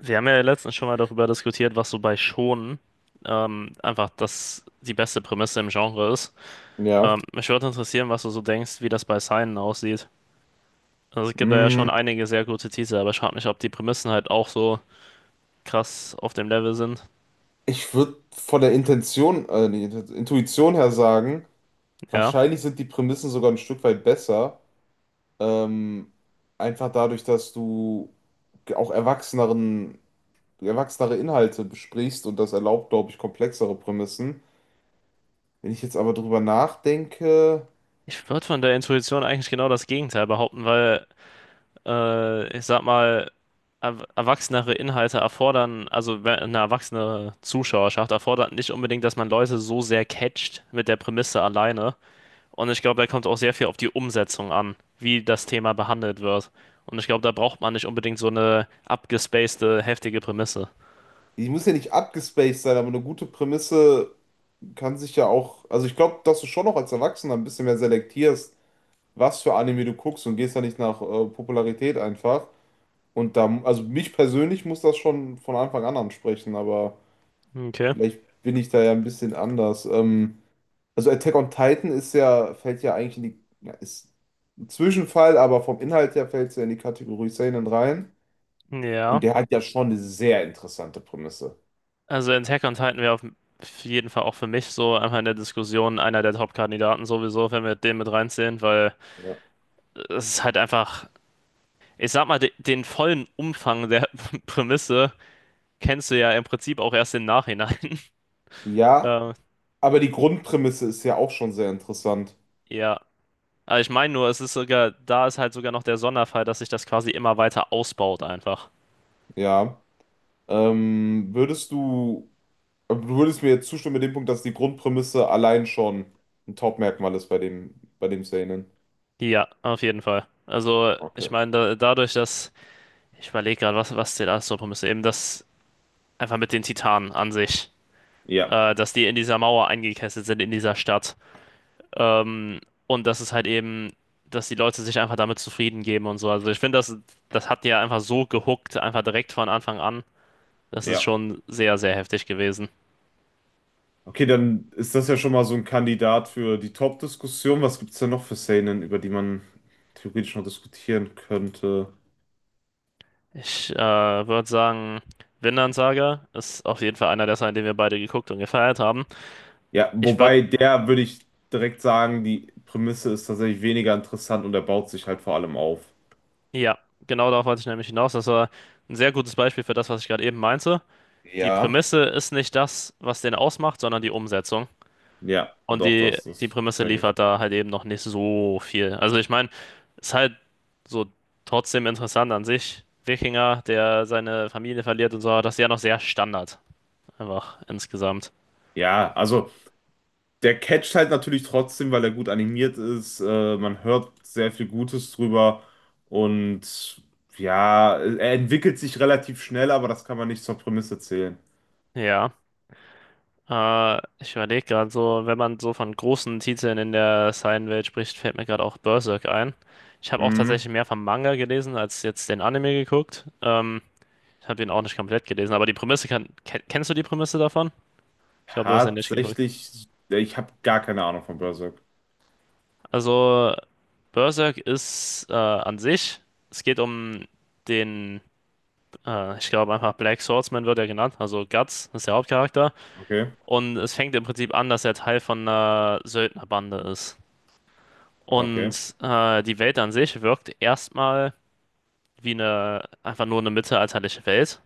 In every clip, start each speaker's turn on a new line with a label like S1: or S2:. S1: Wir haben ja letztens schon mal darüber diskutiert, was so bei Shonen einfach das die beste Prämisse im Genre ist.
S2: Ja.
S1: Mich würde interessieren, was du so denkst, wie das bei Seinen aussieht. Also es gibt da ja
S2: Mm,
S1: schon einige sehr gute Titel, aber ich frag mich, ob die Prämissen halt auch so krass auf dem Level sind.
S2: Ich würde von der Intention, Intuition her sagen,
S1: Ja.
S2: wahrscheinlich sind die Prämissen sogar ein Stück weit besser. Ähm, Einfach dadurch, dass du auch erwachsenere Inhalte besprichst und das erlaubt, glaube ich, komplexere Prämissen. Wenn ich jetzt aber drüber nachdenke,
S1: Ich würde von der Intuition eigentlich genau das Gegenteil behaupten, weil ich sag mal, er erwachsenere Inhalte erfordern, also eine erwachsene Zuschauerschaft erfordert nicht unbedingt, dass man Leute so sehr catcht mit der Prämisse alleine. Und ich glaube, da kommt auch sehr viel auf die Umsetzung an, wie das Thema behandelt wird. Und ich glaube, da braucht man nicht unbedingt so eine abgespacede, heftige Prämisse.
S2: die muss ja nicht abgespaced sein, aber eine gute Prämisse kann sich ja auch, also ich glaube, dass du schon noch als Erwachsener ein bisschen mehr selektierst, was für Anime du guckst und gehst da nicht nach Popularität einfach. Und da, also mich persönlich muss das schon von Anfang an ansprechen, aber
S1: Okay.
S2: vielleicht bin ich da ja ein bisschen anders. Also Attack on Titan ist ja, fällt ja eigentlich in die, ja, ist ein Zwischenfall, aber vom Inhalt her fällt es ja in die Kategorie Seinen rein. Und
S1: Ja.
S2: der hat ja schon eine sehr interessante Prämisse.
S1: Also Attack on Titan wäre auf jeden Fall auch für mich so einfach in der Diskussion einer der Top-Kandidaten sowieso, wenn wir den mit reinziehen, weil
S2: Ja,
S1: es ist halt einfach, ich sag mal, de den vollen Umfang der Prämisse kennst du ja im Prinzip auch erst im Nachhinein.
S2: ja,
S1: Ähm,
S2: aber die Grundprämisse ist ja auch schon sehr interessant.
S1: ja. Aber ich meine nur, es ist sogar, da ist halt sogar noch der Sonderfall, dass sich das quasi immer weiter ausbaut einfach.
S2: Ja. Ähm, würdest du, du würdest mir jetzt zustimmen mit dem Punkt, dass die Grundprämisse allein schon ein Top-Merkmal ist bei dem Seinen?
S1: Ja, auf jeden Fall. Also, ich
S2: Okay.
S1: meine, dadurch, dass, ich überlege gerade, was der alles so müsste, eben das einfach mit den Titanen an sich,
S2: Ja,
S1: dass die in dieser Mauer eingekesselt sind, in dieser Stadt. Ähm, und das ist halt eben, dass die Leute sich einfach damit zufrieden geben und so. Also, ich finde, das hat die ja einfach so gehuckt, einfach direkt von Anfang an. Das ist
S2: ja.
S1: schon sehr, sehr heftig gewesen.
S2: Okay, dann ist das ja schon mal so ein Kandidat für die Top-Diskussion. Was gibt es denn noch für Szenen, über die man theoretisch noch diskutieren könnte?
S1: Ich würde sagen, Vinland Saga ist auf jeden Fall einer der Sachen, den wir beide geguckt und gefeiert haben.
S2: Ja,
S1: Ich würde,
S2: wobei der würde ich direkt sagen, die Prämisse ist tatsächlich weniger interessant und er baut sich halt vor allem auf.
S1: ja, genau darauf wollte ich nämlich hinaus. Das war ein sehr gutes Beispiel für das, was ich gerade eben meinte. Die
S2: Ja.
S1: Prämisse ist nicht das, was den ausmacht, sondern die Umsetzung.
S2: Ja,
S1: Und
S2: doch,
S1: die
S2: das
S1: Prämisse
S2: check ich.
S1: liefert da halt eben noch nicht so viel. Also ich meine, ist halt so trotzdem interessant an sich. Wikinger, der seine Familie verliert und so, das ist ja noch sehr Standard. Einfach insgesamt.
S2: Ja, also. Der catcht halt natürlich trotzdem, weil er gut animiert ist. Man hört sehr viel Gutes drüber. Und ja, er entwickelt sich relativ schnell, aber das kann man nicht zur Prämisse zählen.
S1: Ja. Ich überlege gerade so, wenn man so von großen Titeln in der seinen welt spricht, fällt mir gerade auch Berserk ein. Ich habe auch
S2: Hm.
S1: tatsächlich mehr vom Manga gelesen als jetzt den Anime geguckt. Ich habe den auch nicht komplett gelesen, aber die Prämisse kann. Ken kennst du die Prämisse davon? Ich glaube, du hast den nicht geguckt.
S2: Tatsächlich, ich habe gar keine Ahnung von Berserk.
S1: Also, Berserk ist an sich, es geht um den, ich glaube einfach Black Swordsman wird er genannt, also Guts ist der Hauptcharakter.
S2: Okay,
S1: Und es fängt im Prinzip an, dass er Teil von einer Söldnerbande ist.
S2: okay,
S1: Und die Welt an sich wirkt erstmal wie eine, einfach nur eine mittelalterliche Welt.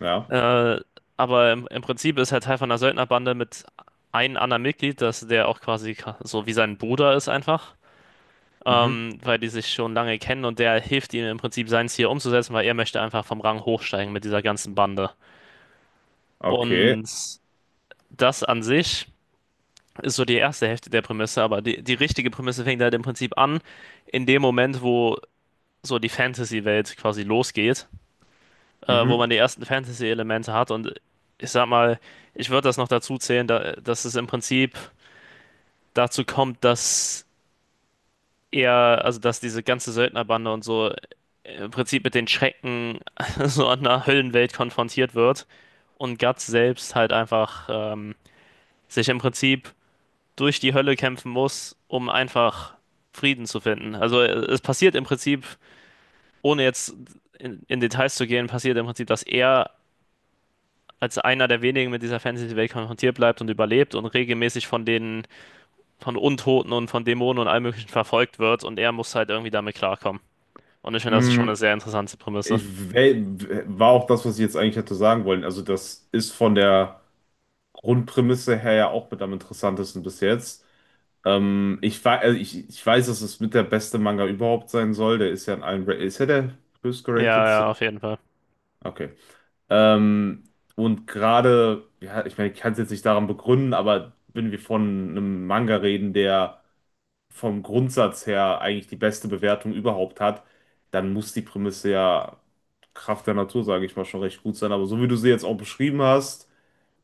S2: ja.
S1: Äh, aber im Prinzip ist er Teil von einer Söldnerbande mit einem anderen Mitglied, der auch quasi so wie sein Bruder ist einfach.
S2: Mhm.
S1: Weil die sich schon lange kennen und der hilft ihm im Prinzip sein Ziel umzusetzen, weil er möchte einfach vom Rang hochsteigen mit dieser ganzen Bande.
S2: Okay,
S1: Und das an sich ist so die erste Hälfte der Prämisse, aber die richtige Prämisse fängt halt im Prinzip an, in dem Moment, wo so die Fantasy-Welt quasi losgeht, wo
S2: mhm.
S1: man die ersten Fantasy-Elemente hat. Und ich sag mal, ich würde das noch dazu zählen, dass es im Prinzip dazu kommt, dass er, also dass diese ganze Söldnerbande und so im Prinzip mit den Schrecken so einer Höllenwelt konfrontiert wird und Guts selbst halt einfach sich im Prinzip durch die Hölle kämpfen muss, um einfach Frieden zu finden. Also es passiert im Prinzip, ohne jetzt in Details zu gehen, passiert im Prinzip, dass er als einer der wenigen mit dieser Fantasy-Welt konfrontiert bleibt und überlebt und regelmäßig von von Untoten und von Dämonen und allem Möglichen verfolgt wird und er muss halt irgendwie damit klarkommen. Und ich finde, das ist schon eine
S2: Hm,
S1: sehr interessante Prämisse.
S2: Ich wel- war auch das, was ich jetzt eigentlich hätte sagen wollen. Also, das ist von der Grundprämisse her ja auch mit am interessantesten bis jetzt. Also ich weiß, dass es mit der beste Manga überhaupt sein soll. Der ist ja in ist ja der
S1: Ja,
S2: höchstgeratedste.
S1: ja, auf jeden Fall.
S2: Okay. Ähm, und gerade, ja, ich meine, ich kann es jetzt nicht daran begründen, aber wenn wir von einem Manga reden, der vom Grundsatz her eigentlich die beste Bewertung überhaupt hat, dann muss die Prämisse ja Kraft der Natur, sage ich mal, schon recht gut sein. Aber so wie du sie jetzt auch beschrieben hast,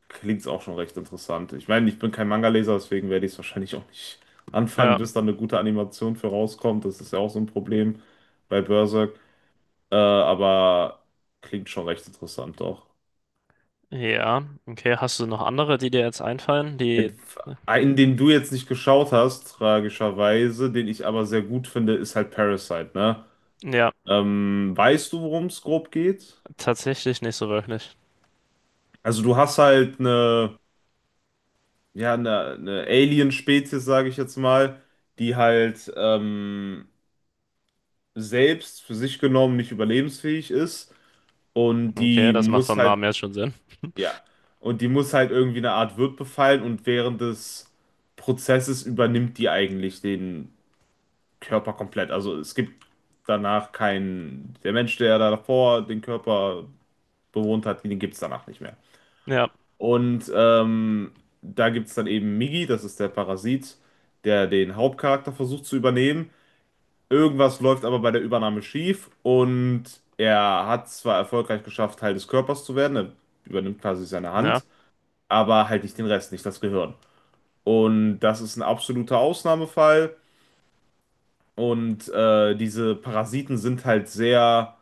S2: klingt es auch schon recht interessant. Ich meine, ich bin kein Manga-Leser, deswegen werde ich es wahrscheinlich auch nicht anfangen,
S1: Ja,
S2: bis da eine gute Animation für rauskommt. Das ist ja auch so ein Problem bei Berserk. Aber klingt schon recht interessant auch.
S1: ja. Okay, hast du noch andere, die dir jetzt einfallen? Die,
S2: Einen, den du jetzt nicht geschaut hast, tragischerweise, den ich aber sehr gut finde, ist halt Parasite, ne?
S1: ja,
S2: Weißt du, worum es grob geht?
S1: tatsächlich nicht so wirklich.
S2: Also du hast halt ja, eine Alien-Spezies, sage ich jetzt mal, die halt selbst für sich genommen nicht überlebensfähig ist und
S1: Okay,
S2: die
S1: das macht
S2: muss
S1: vom
S2: halt,
S1: Namen jetzt schon Sinn.
S2: ja, und die muss halt irgendwie eine Art Wirt befallen und während des Prozesses übernimmt die eigentlich den Körper komplett. Also es gibt danach keinen, der Mensch, der da davor den Körper bewohnt hat, den gibt es danach nicht mehr.
S1: Ja,
S2: Und da gibt es dann eben Migi, das ist der Parasit, der den Hauptcharakter versucht zu übernehmen. Irgendwas läuft aber bei der Übernahme schief und er hat zwar erfolgreich geschafft, Teil des Körpers zu werden, er übernimmt quasi seine
S1: ja,
S2: Hand, aber halt nicht den Rest, nicht das Gehirn. Und das ist ein absoluter Ausnahmefall und diese Parasiten sind halt sehr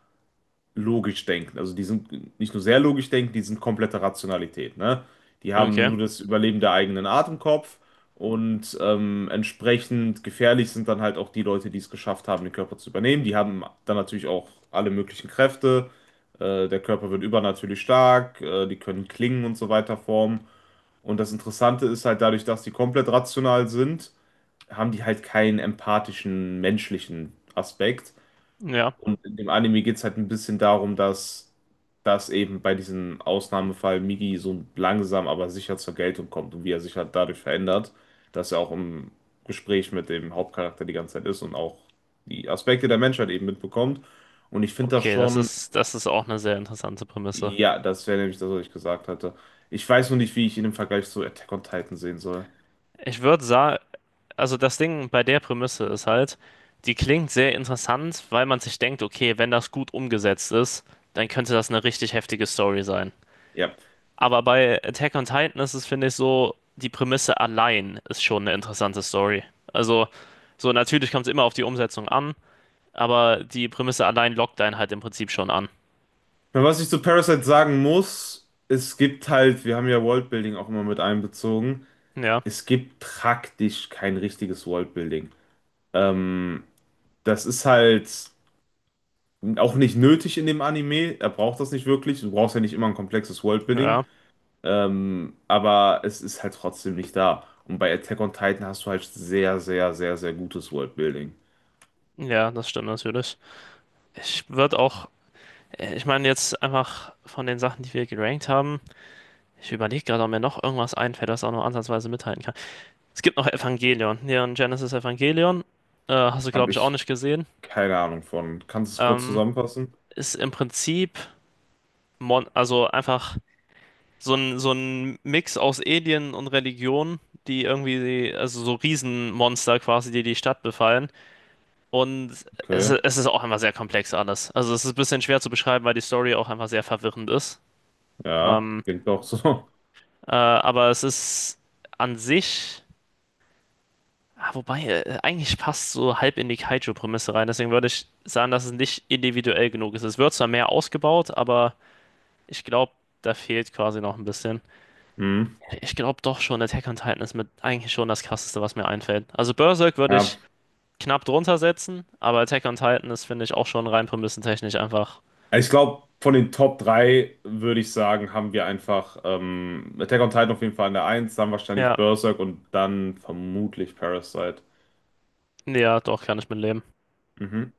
S2: logisch denken. Also die sind nicht nur sehr logisch denken, die sind komplette Rationalität, ne? Die haben
S1: okay,
S2: nur das Überleben der eigenen Art im Kopf und entsprechend gefährlich sind dann halt auch die Leute, die es geschafft haben, den Körper zu übernehmen. Die haben dann natürlich auch alle möglichen Kräfte. Der Körper wird übernatürlich stark, die können Klingen und so weiter formen. Und das Interessante ist halt dadurch, dass die komplett rational sind, haben die halt keinen empathischen, menschlichen Aspekt.
S1: ja.
S2: Und in dem Anime geht es halt ein bisschen darum, dass das eben bei diesem Ausnahmefall Migi so langsam, aber sicher zur Geltung kommt und wie er sich halt dadurch verändert, dass er auch im Gespräch mit dem Hauptcharakter die ganze Zeit ist und auch die Aspekte der Menschheit eben mitbekommt. Und ich finde das
S1: Okay,
S2: schon,
S1: das ist auch eine sehr interessante Prämisse.
S2: ja, das wäre nämlich das, was ich gesagt hatte. Ich weiß nur nicht, wie ich ihn im Vergleich zu Attack on Titan sehen soll.
S1: Ich würde sagen, also das Ding bei der Prämisse ist halt, die klingt sehr interessant, weil man sich denkt, okay, wenn das gut umgesetzt ist, dann könnte das eine richtig heftige Story sein.
S2: Ja.
S1: Aber bei Attack on Titan ist es, finde ich, so, die Prämisse allein ist schon eine interessante Story. Also, so natürlich kommt es immer auf die Umsetzung an, aber die Prämisse allein lockt einen halt im Prinzip schon an.
S2: Aber was ich zu Parasite sagen muss, es gibt halt, wir haben ja Worldbuilding auch immer mit einbezogen.
S1: Ja,
S2: Es gibt praktisch kein richtiges Worldbuilding. Ähm, Das ist halt auch nicht nötig in dem Anime. Er braucht das nicht wirklich. Du brauchst ja nicht immer ein komplexes Worldbuilding.
S1: ja,
S2: Aber es ist halt trotzdem nicht da. Und bei Attack on Titan hast du halt sehr, sehr, sehr, sehr gutes Worldbuilding.
S1: ja, das stimmt natürlich. Ich würde auch, ich meine jetzt einfach von den Sachen, die wir gerankt haben. Ich überlege gerade, ob mir noch irgendwas einfällt, das auch nur ansatzweise mithalten kann. Es gibt noch Evangelion. Neon Genesis Evangelion. Hast du,
S2: Habe
S1: glaube ich, auch
S2: ich
S1: nicht gesehen.
S2: keine Ahnung von. Kannst du es kurz
S1: Ähm,
S2: zusammenfassen?
S1: ist im Prinzip, mon also einfach so ein Mix aus Alien und Religion, die irgendwie, also so Riesenmonster quasi, die die Stadt befallen. Und
S2: Okay.
S1: es ist auch einfach sehr komplex alles. Also es ist ein bisschen schwer zu beschreiben, weil die Story auch einfach sehr verwirrend ist.
S2: Ja,
S1: Ähm,
S2: klingt doch so.
S1: aber es ist an sich Ah, wobei, eigentlich passt so halb in die Kaiju-Prämisse rein. Deswegen würde ich sagen, dass es nicht individuell genug ist. Es wird zwar mehr ausgebaut, aber ich glaube, da fehlt quasi noch ein bisschen.
S2: Hm.
S1: Ich glaube doch schon, Attack on Titan ist mit eigentlich schon das Krasseste, was mir einfällt. Also Berserk würde
S2: Ja,
S1: ich knapp drunter setzen, aber Attack on Titan ist, finde ich, auch schon rein prämissentechnisch einfach.
S2: ich glaube, von den Top 3 würde ich sagen, haben wir einfach Attack on Titan auf jeden Fall in der Eins, dann wahrscheinlich
S1: Ja,
S2: Berserk und dann vermutlich Parasite.
S1: ja, doch, kann ich mit leben.
S2: Mhm.